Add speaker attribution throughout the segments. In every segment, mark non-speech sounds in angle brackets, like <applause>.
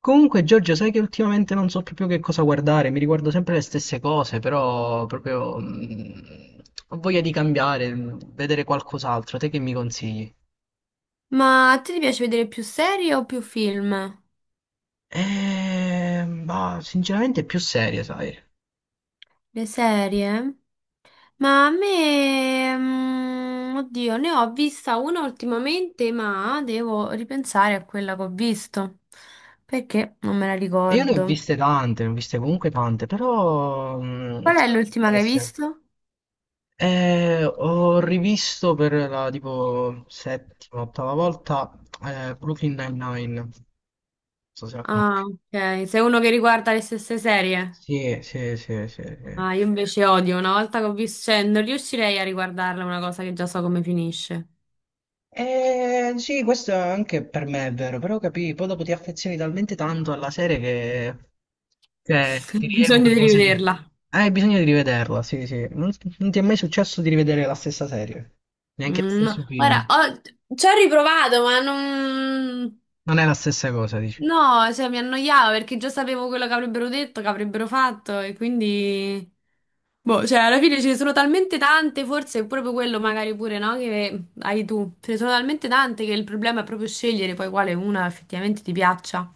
Speaker 1: Comunque, Giorgio, sai che ultimamente non so proprio che cosa guardare, mi riguardo sempre le stesse cose, però proprio ho voglia di cambiare, vedere qualcos'altro, te che mi consigli?
Speaker 2: Ma a te ti piace vedere più serie o più film?
Speaker 1: Ma sinceramente più serie, sai.
Speaker 2: Le serie? Ma a me, oddio, ne ho vista una ultimamente, ma devo ripensare a quella che ho visto, perché non me la
Speaker 1: Io ne ho
Speaker 2: ricordo.
Speaker 1: viste tante, ne ho viste comunque tante, però
Speaker 2: Qual è
Speaker 1: sempre le
Speaker 2: l'ultima che hai
Speaker 1: stesse.
Speaker 2: visto?
Speaker 1: Ho rivisto per la tipo settima, ottava volta Brooklyn Nine-Nine. Non so se la
Speaker 2: Ah,
Speaker 1: conosci.
Speaker 2: ok, sei uno che riguarda le stesse serie?
Speaker 1: Sì, sì, sì, sì, sì.
Speaker 2: Ah, io invece odio, una volta che ho visto, cioè, non riuscirei a riguardarla una cosa che già so come finisce.
Speaker 1: Sì, questo anche per me è vero, però capì, poi dopo ti affezioni talmente tanto alla serie che
Speaker 2: <laughs> Ho
Speaker 1: ti
Speaker 2: bisogno
Speaker 1: rievoca
Speaker 2: di
Speaker 1: cose che...
Speaker 2: rivederla.
Speaker 1: Hai bisogno di rivederla, sì, sì. Non ti è mai successo di rivedere la stessa serie, neanche lo
Speaker 2: Mm,
Speaker 1: stesso
Speaker 2: ora,
Speaker 1: film.
Speaker 2: ci ho riprovato, ma non...
Speaker 1: Non è la stessa cosa, dici.
Speaker 2: No, cioè, mi annoiavo perché già sapevo quello che avrebbero detto, che avrebbero fatto e quindi... Boh, cioè, alla fine ce ne sono talmente tante, forse è proprio quello magari pure, no? Che hai tu. Ce ne sono talmente tante che il problema è proprio scegliere poi quale una effettivamente ti piaccia.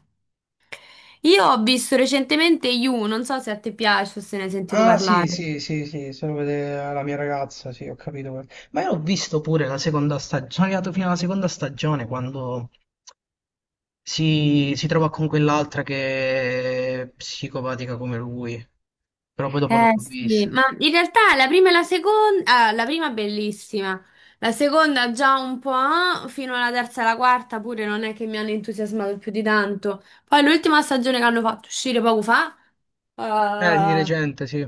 Speaker 2: Io ho visto recentemente You, non so se a te piace o se ne hai sentito
Speaker 1: Ah, sì,
Speaker 2: parlare.
Speaker 1: sì, sì, sì, se lo vede la mia ragazza, sì, ho capito. Ma io l'ho visto pure la seconda stagione, sono arrivato fino alla seconda stagione quando... si trova con quell'altra che è psicopatica come lui, però poi dopo non
Speaker 2: Eh
Speaker 1: l'ho
Speaker 2: sì,
Speaker 1: vista.
Speaker 2: ma in realtà la prima e la seconda, ah, la prima è bellissima, la seconda già un po', ah, fino alla terza e alla quarta pure non è che mi hanno entusiasmato più di tanto. Poi l'ultima stagione che hanno fatto uscire poco fa,
Speaker 1: Di
Speaker 2: ah,
Speaker 1: recente, sì.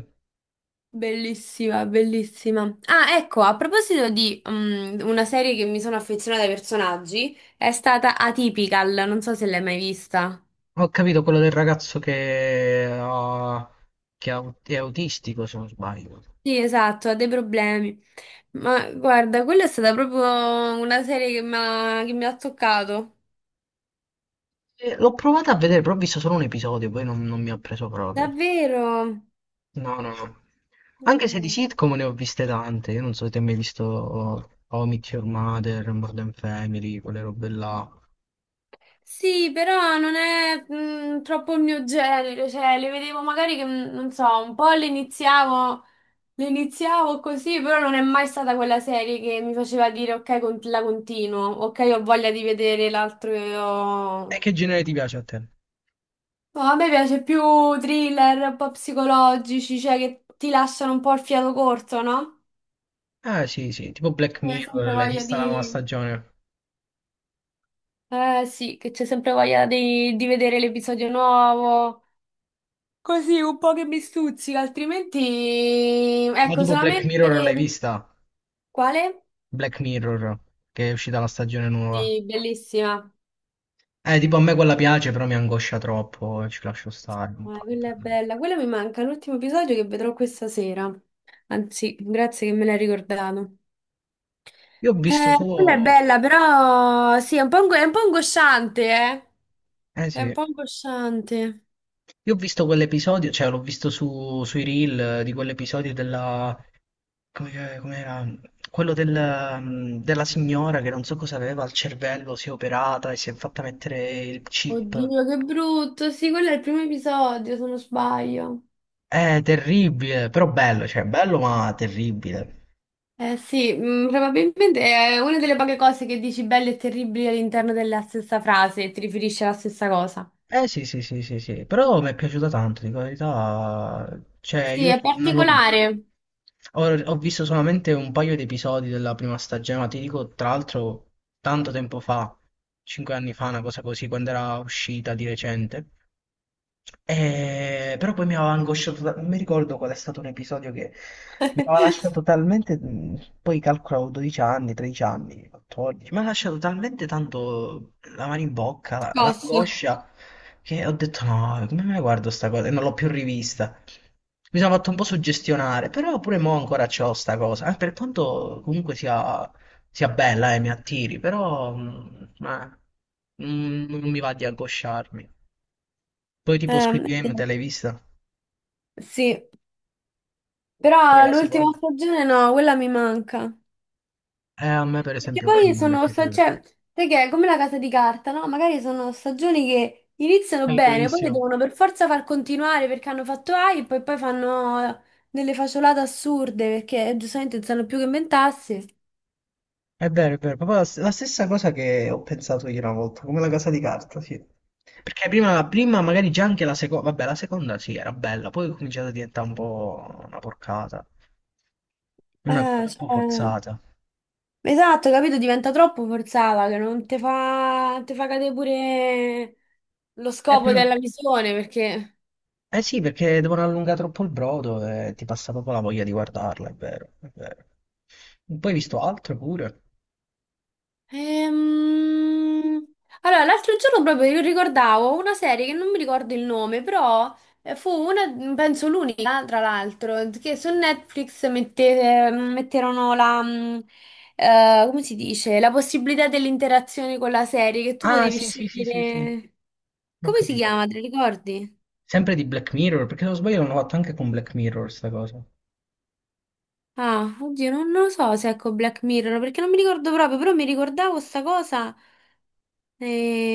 Speaker 2: bellissima, bellissima. Ah, ecco, a proposito di una serie che mi sono affezionata ai personaggi, è stata Atypical, non so se l'hai mai vista.
Speaker 1: Ho capito quello del ragazzo che ha- è autistico, se non sbaglio.
Speaker 2: Sì, esatto, ha dei problemi. Ma guarda, quella è stata proprio una serie che che mi ha toccato.
Speaker 1: L'ho provato a vedere, però ho visto solo un episodio, poi non mi ha preso proprio.
Speaker 2: Davvero?
Speaker 1: No, no, no. Anche se di
Speaker 2: Mm.
Speaker 1: sitcom ne ho viste tante, io non so se ti hai mai visto How I Met Your Mother, Modern Family, quelle robe là.
Speaker 2: Sì, però non è troppo il mio genere, cioè le vedevo magari che, non so, un po' le iniziavo così, però non è mai stata quella serie che mi faceva dire ok, la continuo, ok, ho voglia di vedere l'altro.
Speaker 1: E che genere ti piace a te?
Speaker 2: No, a me piace più thriller un po' psicologici, cioè che ti lasciano un po' il fiato corto, no?
Speaker 1: Ah sì, sì, tipo Black
Speaker 2: C'è sempre
Speaker 1: Mirror, l'hai
Speaker 2: voglia
Speaker 1: vista la nuova
Speaker 2: di...
Speaker 1: stagione?
Speaker 2: Eh sì, che c'è sempre voglia di vedere l'episodio nuovo, così un po' che mi stuzzica, altrimenti...
Speaker 1: Ma
Speaker 2: Ecco,
Speaker 1: tipo Black Mirror l'hai
Speaker 2: solamente...
Speaker 1: vista?
Speaker 2: Quale?
Speaker 1: Black Mirror, che è uscita la stagione nuova.
Speaker 2: Sì, bellissima.
Speaker 1: Tipo a me quella piace, però mi angoscia troppo, ci lascio stare. Non fa-
Speaker 2: Quella è bella, quella mi manca, l'ultimo episodio che vedrò questa sera. Anzi, grazie che me l'hai ricordato.
Speaker 1: Io ho visto
Speaker 2: Quella è
Speaker 1: solo...
Speaker 2: bella, però sì, è un po', è un po' angosciante, eh.
Speaker 1: Eh
Speaker 2: È
Speaker 1: sì,
Speaker 2: un po' angosciante.
Speaker 1: io ho visto quell'episodio, cioè l'ho visto sui reel di quell'episodio della... come era? Quello della signora che non so cosa aveva al cervello, si è operata e si è fatta mettere il chip.
Speaker 2: Oddio, che brutto. Sì, quello è il primo episodio, se non sbaglio.
Speaker 1: È terribile, però bello, cioè bello ma terribile.
Speaker 2: Eh sì, probabilmente è una delle poche cose che dici belle e terribili all'interno della stessa frase e ti riferisci alla stessa cosa.
Speaker 1: Eh sì, sì, sì, sì, sì, però mi è piaciuta tanto, dico la verità. Cioè,
Speaker 2: Sì,
Speaker 1: io
Speaker 2: è
Speaker 1: non l'ho...
Speaker 2: particolare.
Speaker 1: Ho visto solamente un paio di episodi della prima stagione, ma ti dico, tra l'altro, tanto tempo fa, 5 anni fa, una cosa così, quando era uscita di recente. Però poi mi aveva angosciato, non mi ricordo qual è stato un episodio che mi aveva lasciato poi calcolavo 12 anni, 13 anni, 14, mi ha lasciato talmente tanto la mano in bocca,
Speaker 2: Scosso.
Speaker 1: l'angoscia, che ho detto no, come me la guardo sta cosa? E non l'ho più rivista. Mi sono fatto un po' suggestionare, però pure mo ancora c'ho sta cosa, per quanto comunque sia bella e mi attiri, però non mi va di angosciarmi. Poi tipo Squid
Speaker 2: Ehm,
Speaker 1: Game te l'hai vista?
Speaker 2: sì,
Speaker 1: Pure
Speaker 2: però
Speaker 1: la
Speaker 2: l'ultima
Speaker 1: seconda?
Speaker 2: stagione no, quella mi manca.
Speaker 1: A me per
Speaker 2: Perché
Speaker 1: esempio quella
Speaker 2: poi
Speaker 1: non mi è piaciuta.
Speaker 2: cioè, sai che è come la casa di carta, no? Magari sono stagioni che iniziano
Speaker 1: È
Speaker 2: bene, poi le
Speaker 1: bravissimo.
Speaker 2: devono per forza far continuare perché hanno fatto hype e poi fanno delle facciolate assurde perché giustamente non sanno più che inventarsi.
Speaker 1: È vero, proprio la stessa cosa che ho pensato io una volta, come la casa di carta, sì. Perché prima, la prima magari già anche la seconda, vabbè, la seconda sì, era bella, poi è cominciata a diventare un po' una porcata, una cosa troppo
Speaker 2: Cioè,
Speaker 1: forzata.
Speaker 2: esatto, capito? Diventa troppo forzata che non te fa cadere pure lo scopo
Speaker 1: Però...
Speaker 2: della visione perché...
Speaker 1: Eh sì, perché devono allungare troppo il brodo e ti passa proprio la voglia di guardarla, è vero, è vero. Poi hai visto altro pure.
Speaker 2: Ehm, allora, l'altro giorno proprio io ricordavo una serie che non mi ricordo il nome, però fu una, penso l'unica, tra l'altro, che su Netflix metterono come si dice, la possibilità dell'interazione con la serie, che tu
Speaker 1: Ah,
Speaker 2: potevi
Speaker 1: sì, sì, sì, sì, sì,
Speaker 2: scegliere...
Speaker 1: ho
Speaker 2: Come si
Speaker 1: capito.
Speaker 2: chiama, te la ricordi?
Speaker 1: Sempre di Black Mirror, perché se non sbaglio l'hanno fatto anche con Black Mirror sta cosa.
Speaker 2: Ah, oddio, non lo so se ecco Black Mirror, perché non mi ricordo proprio, però mi ricordavo sta cosa.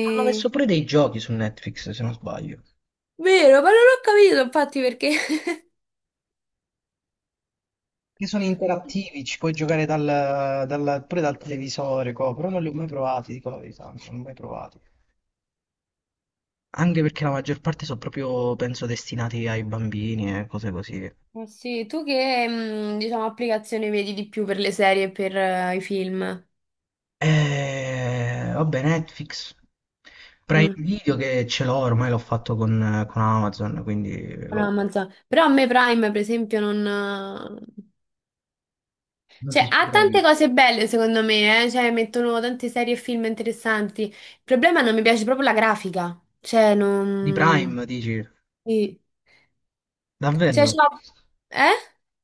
Speaker 1: Hanno messo pure dei giochi su Netflix, se non sbaglio.
Speaker 2: Vero, ma non l'ho capito infatti perché...
Speaker 1: Che sono
Speaker 2: <laughs>
Speaker 1: interattivi, ci puoi giocare pure dal televisore, co, però non li ho mai provati, dico la verità, non li ho mai provati. Anche perché la maggior parte sono proprio, penso, destinati ai bambini e cose così.
Speaker 2: Ma sì, tu che, diciamo, applicazione vedi di più per le serie e per i film?
Speaker 1: E... Vabbè, Netflix. Prime
Speaker 2: Mm,
Speaker 1: Video che ce l'ho, ormai l'ho fatto con Amazon, quindi
Speaker 2: no,
Speaker 1: lo...
Speaker 2: Amazon. Però a me Prime, per esempio, non...
Speaker 1: Non ti
Speaker 2: cioè,
Speaker 1: ci
Speaker 2: ha tante
Speaker 1: trovi.
Speaker 2: cose belle, secondo me, eh? Cioè, mettono tante serie e film interessanti. Il problema è che non mi piace proprio la grafica. Cioè,
Speaker 1: Di
Speaker 2: non...
Speaker 1: Prime, dici?
Speaker 2: Sì. Cioè,
Speaker 1: Davvero?
Speaker 2: c'ho- Eh?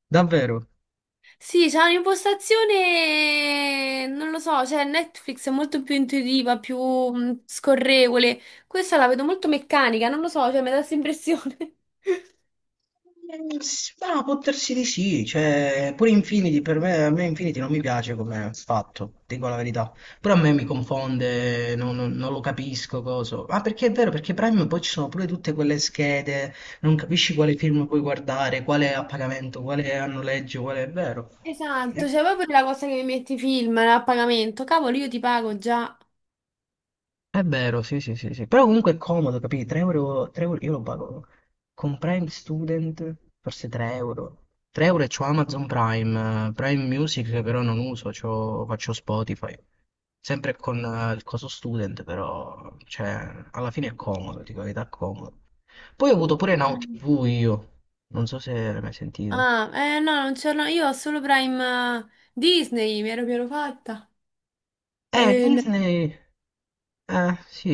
Speaker 1: Davvero?
Speaker 2: Sì, c'è un'impostazione, non lo so, cioè Netflix è molto più intuitiva, più scorrevole. Questa la vedo molto meccanica, non lo so, cioè mi dà questa impressione. <laughs>
Speaker 1: Ma può darsi di sì, cioè, pure Infinity per me, a me Infinity non mi piace come fatto, dico la verità. Però a me mi confonde, non lo capisco cosa. Ma perché è vero, perché Prime poi ci sono pure tutte quelle schede, non capisci quale film puoi guardare, quale è a pagamento, quale è a noleggio, quale è vero.
Speaker 2: Esatto, cioè proprio la cosa che mi metti i film no, a pagamento. Cavolo, io ti pago già.
Speaker 1: È vero, sì, sì, sì, sì. Però comunque è comodo, capì? 3 euro, 3 euro, io lo pago con Prime Student, forse 3 euro. 3 euro e c'ho Amazon Prime, Prime Music che però non uso, faccio Spotify. Sempre con il coso student, però, cioè, alla fine è comodo, dico la verità, è comodo. Poi ho avuto pure Now
Speaker 2: Mm.
Speaker 1: TV io, non so se l'hai mai sentito.
Speaker 2: Ah, eh no, non ce l'ho, io ho solo Prime Disney, mi ero fatta. No.
Speaker 1: Disney... sì,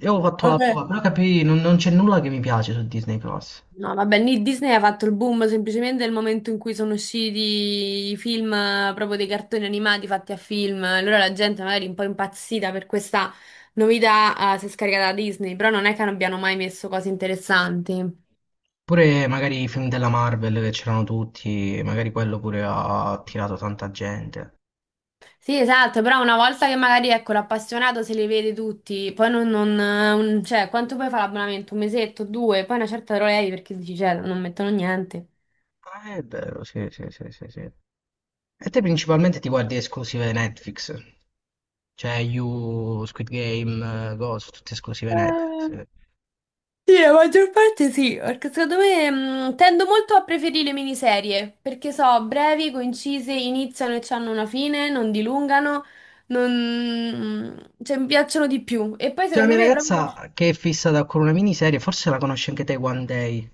Speaker 1: io ho fatto la
Speaker 2: Vabbè.
Speaker 1: prova, però capì, non c'è nulla che mi piace su Disney Plus.
Speaker 2: No, vabbè, Disney ha fatto il boom semplicemente nel momento in cui sono usciti i film, proprio dei cartoni animati fatti a film. Allora la gente magari un po' impazzita per questa novità, si è scaricata da Disney, però non è che non abbiano mai messo cose interessanti.
Speaker 1: Pure magari i film della Marvel che c'erano tutti, magari quello pure ha attirato tanta gente.
Speaker 2: Sì, esatto, però una volta che magari, ecco, l'appassionato se li vede tutti, poi non, cioè, quanto puoi fare l'abbonamento? Un mesetto, due, poi una certa te lo levi perché dici, cioè, non mettono niente.
Speaker 1: Ah, è vero, sì, sì, sì, sì, sì. E te principalmente ti guardi esclusive Netflix, cioè You, Squid Game, Ghost, tutte esclusive Netflix.
Speaker 2: Sì, la maggior parte sì, perché secondo me tendo molto a preferire le miniserie, perché so, brevi, concise, iniziano e hanno una fine, non dilungano, non... cioè mi piacciono di più. E poi
Speaker 1: C'è la
Speaker 2: secondo
Speaker 1: mia
Speaker 2: me proprio...
Speaker 1: ragazza che è fissata con una miniserie, forse la conosci anche te One Day.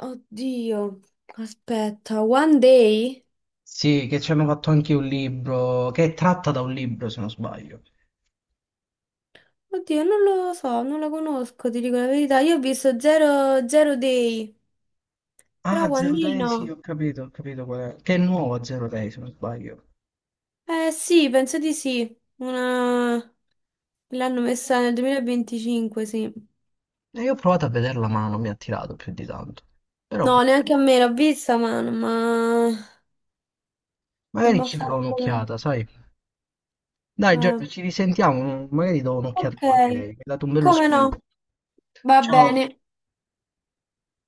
Speaker 2: Oddio, aspetta, One Day?
Speaker 1: Sì, che ci hanno fatto anche un libro, che è tratta da un libro se non sbaglio.
Speaker 2: Oddio, non lo so, non la conosco, ti dico la verità. Io ho visto Zero, Zero Day, però
Speaker 1: Ah,
Speaker 2: One
Speaker 1: Zero
Speaker 2: Day
Speaker 1: Day, sì,
Speaker 2: no.
Speaker 1: ho capito qual è. Che è nuovo Zero Day se non sbaglio.
Speaker 2: Eh sì, penso di sì. Una... L'hanno messa nel 2025, sì.
Speaker 1: E io ho provato a vederla ma non mi ha attirato più di tanto. Però boh,
Speaker 2: No, neanche a me l'ho vista, ma non
Speaker 1: magari
Speaker 2: m'ha
Speaker 1: ci darò
Speaker 2: fatto...
Speaker 1: un'occhiata, sai? Dai
Speaker 2: eh,
Speaker 1: Giorgio, ci risentiamo, magari do un'occhiata
Speaker 2: ok,
Speaker 1: quando hai. Mi hai dato un bello
Speaker 2: come
Speaker 1: spunto.
Speaker 2: no? Va
Speaker 1: Ciao.
Speaker 2: bene.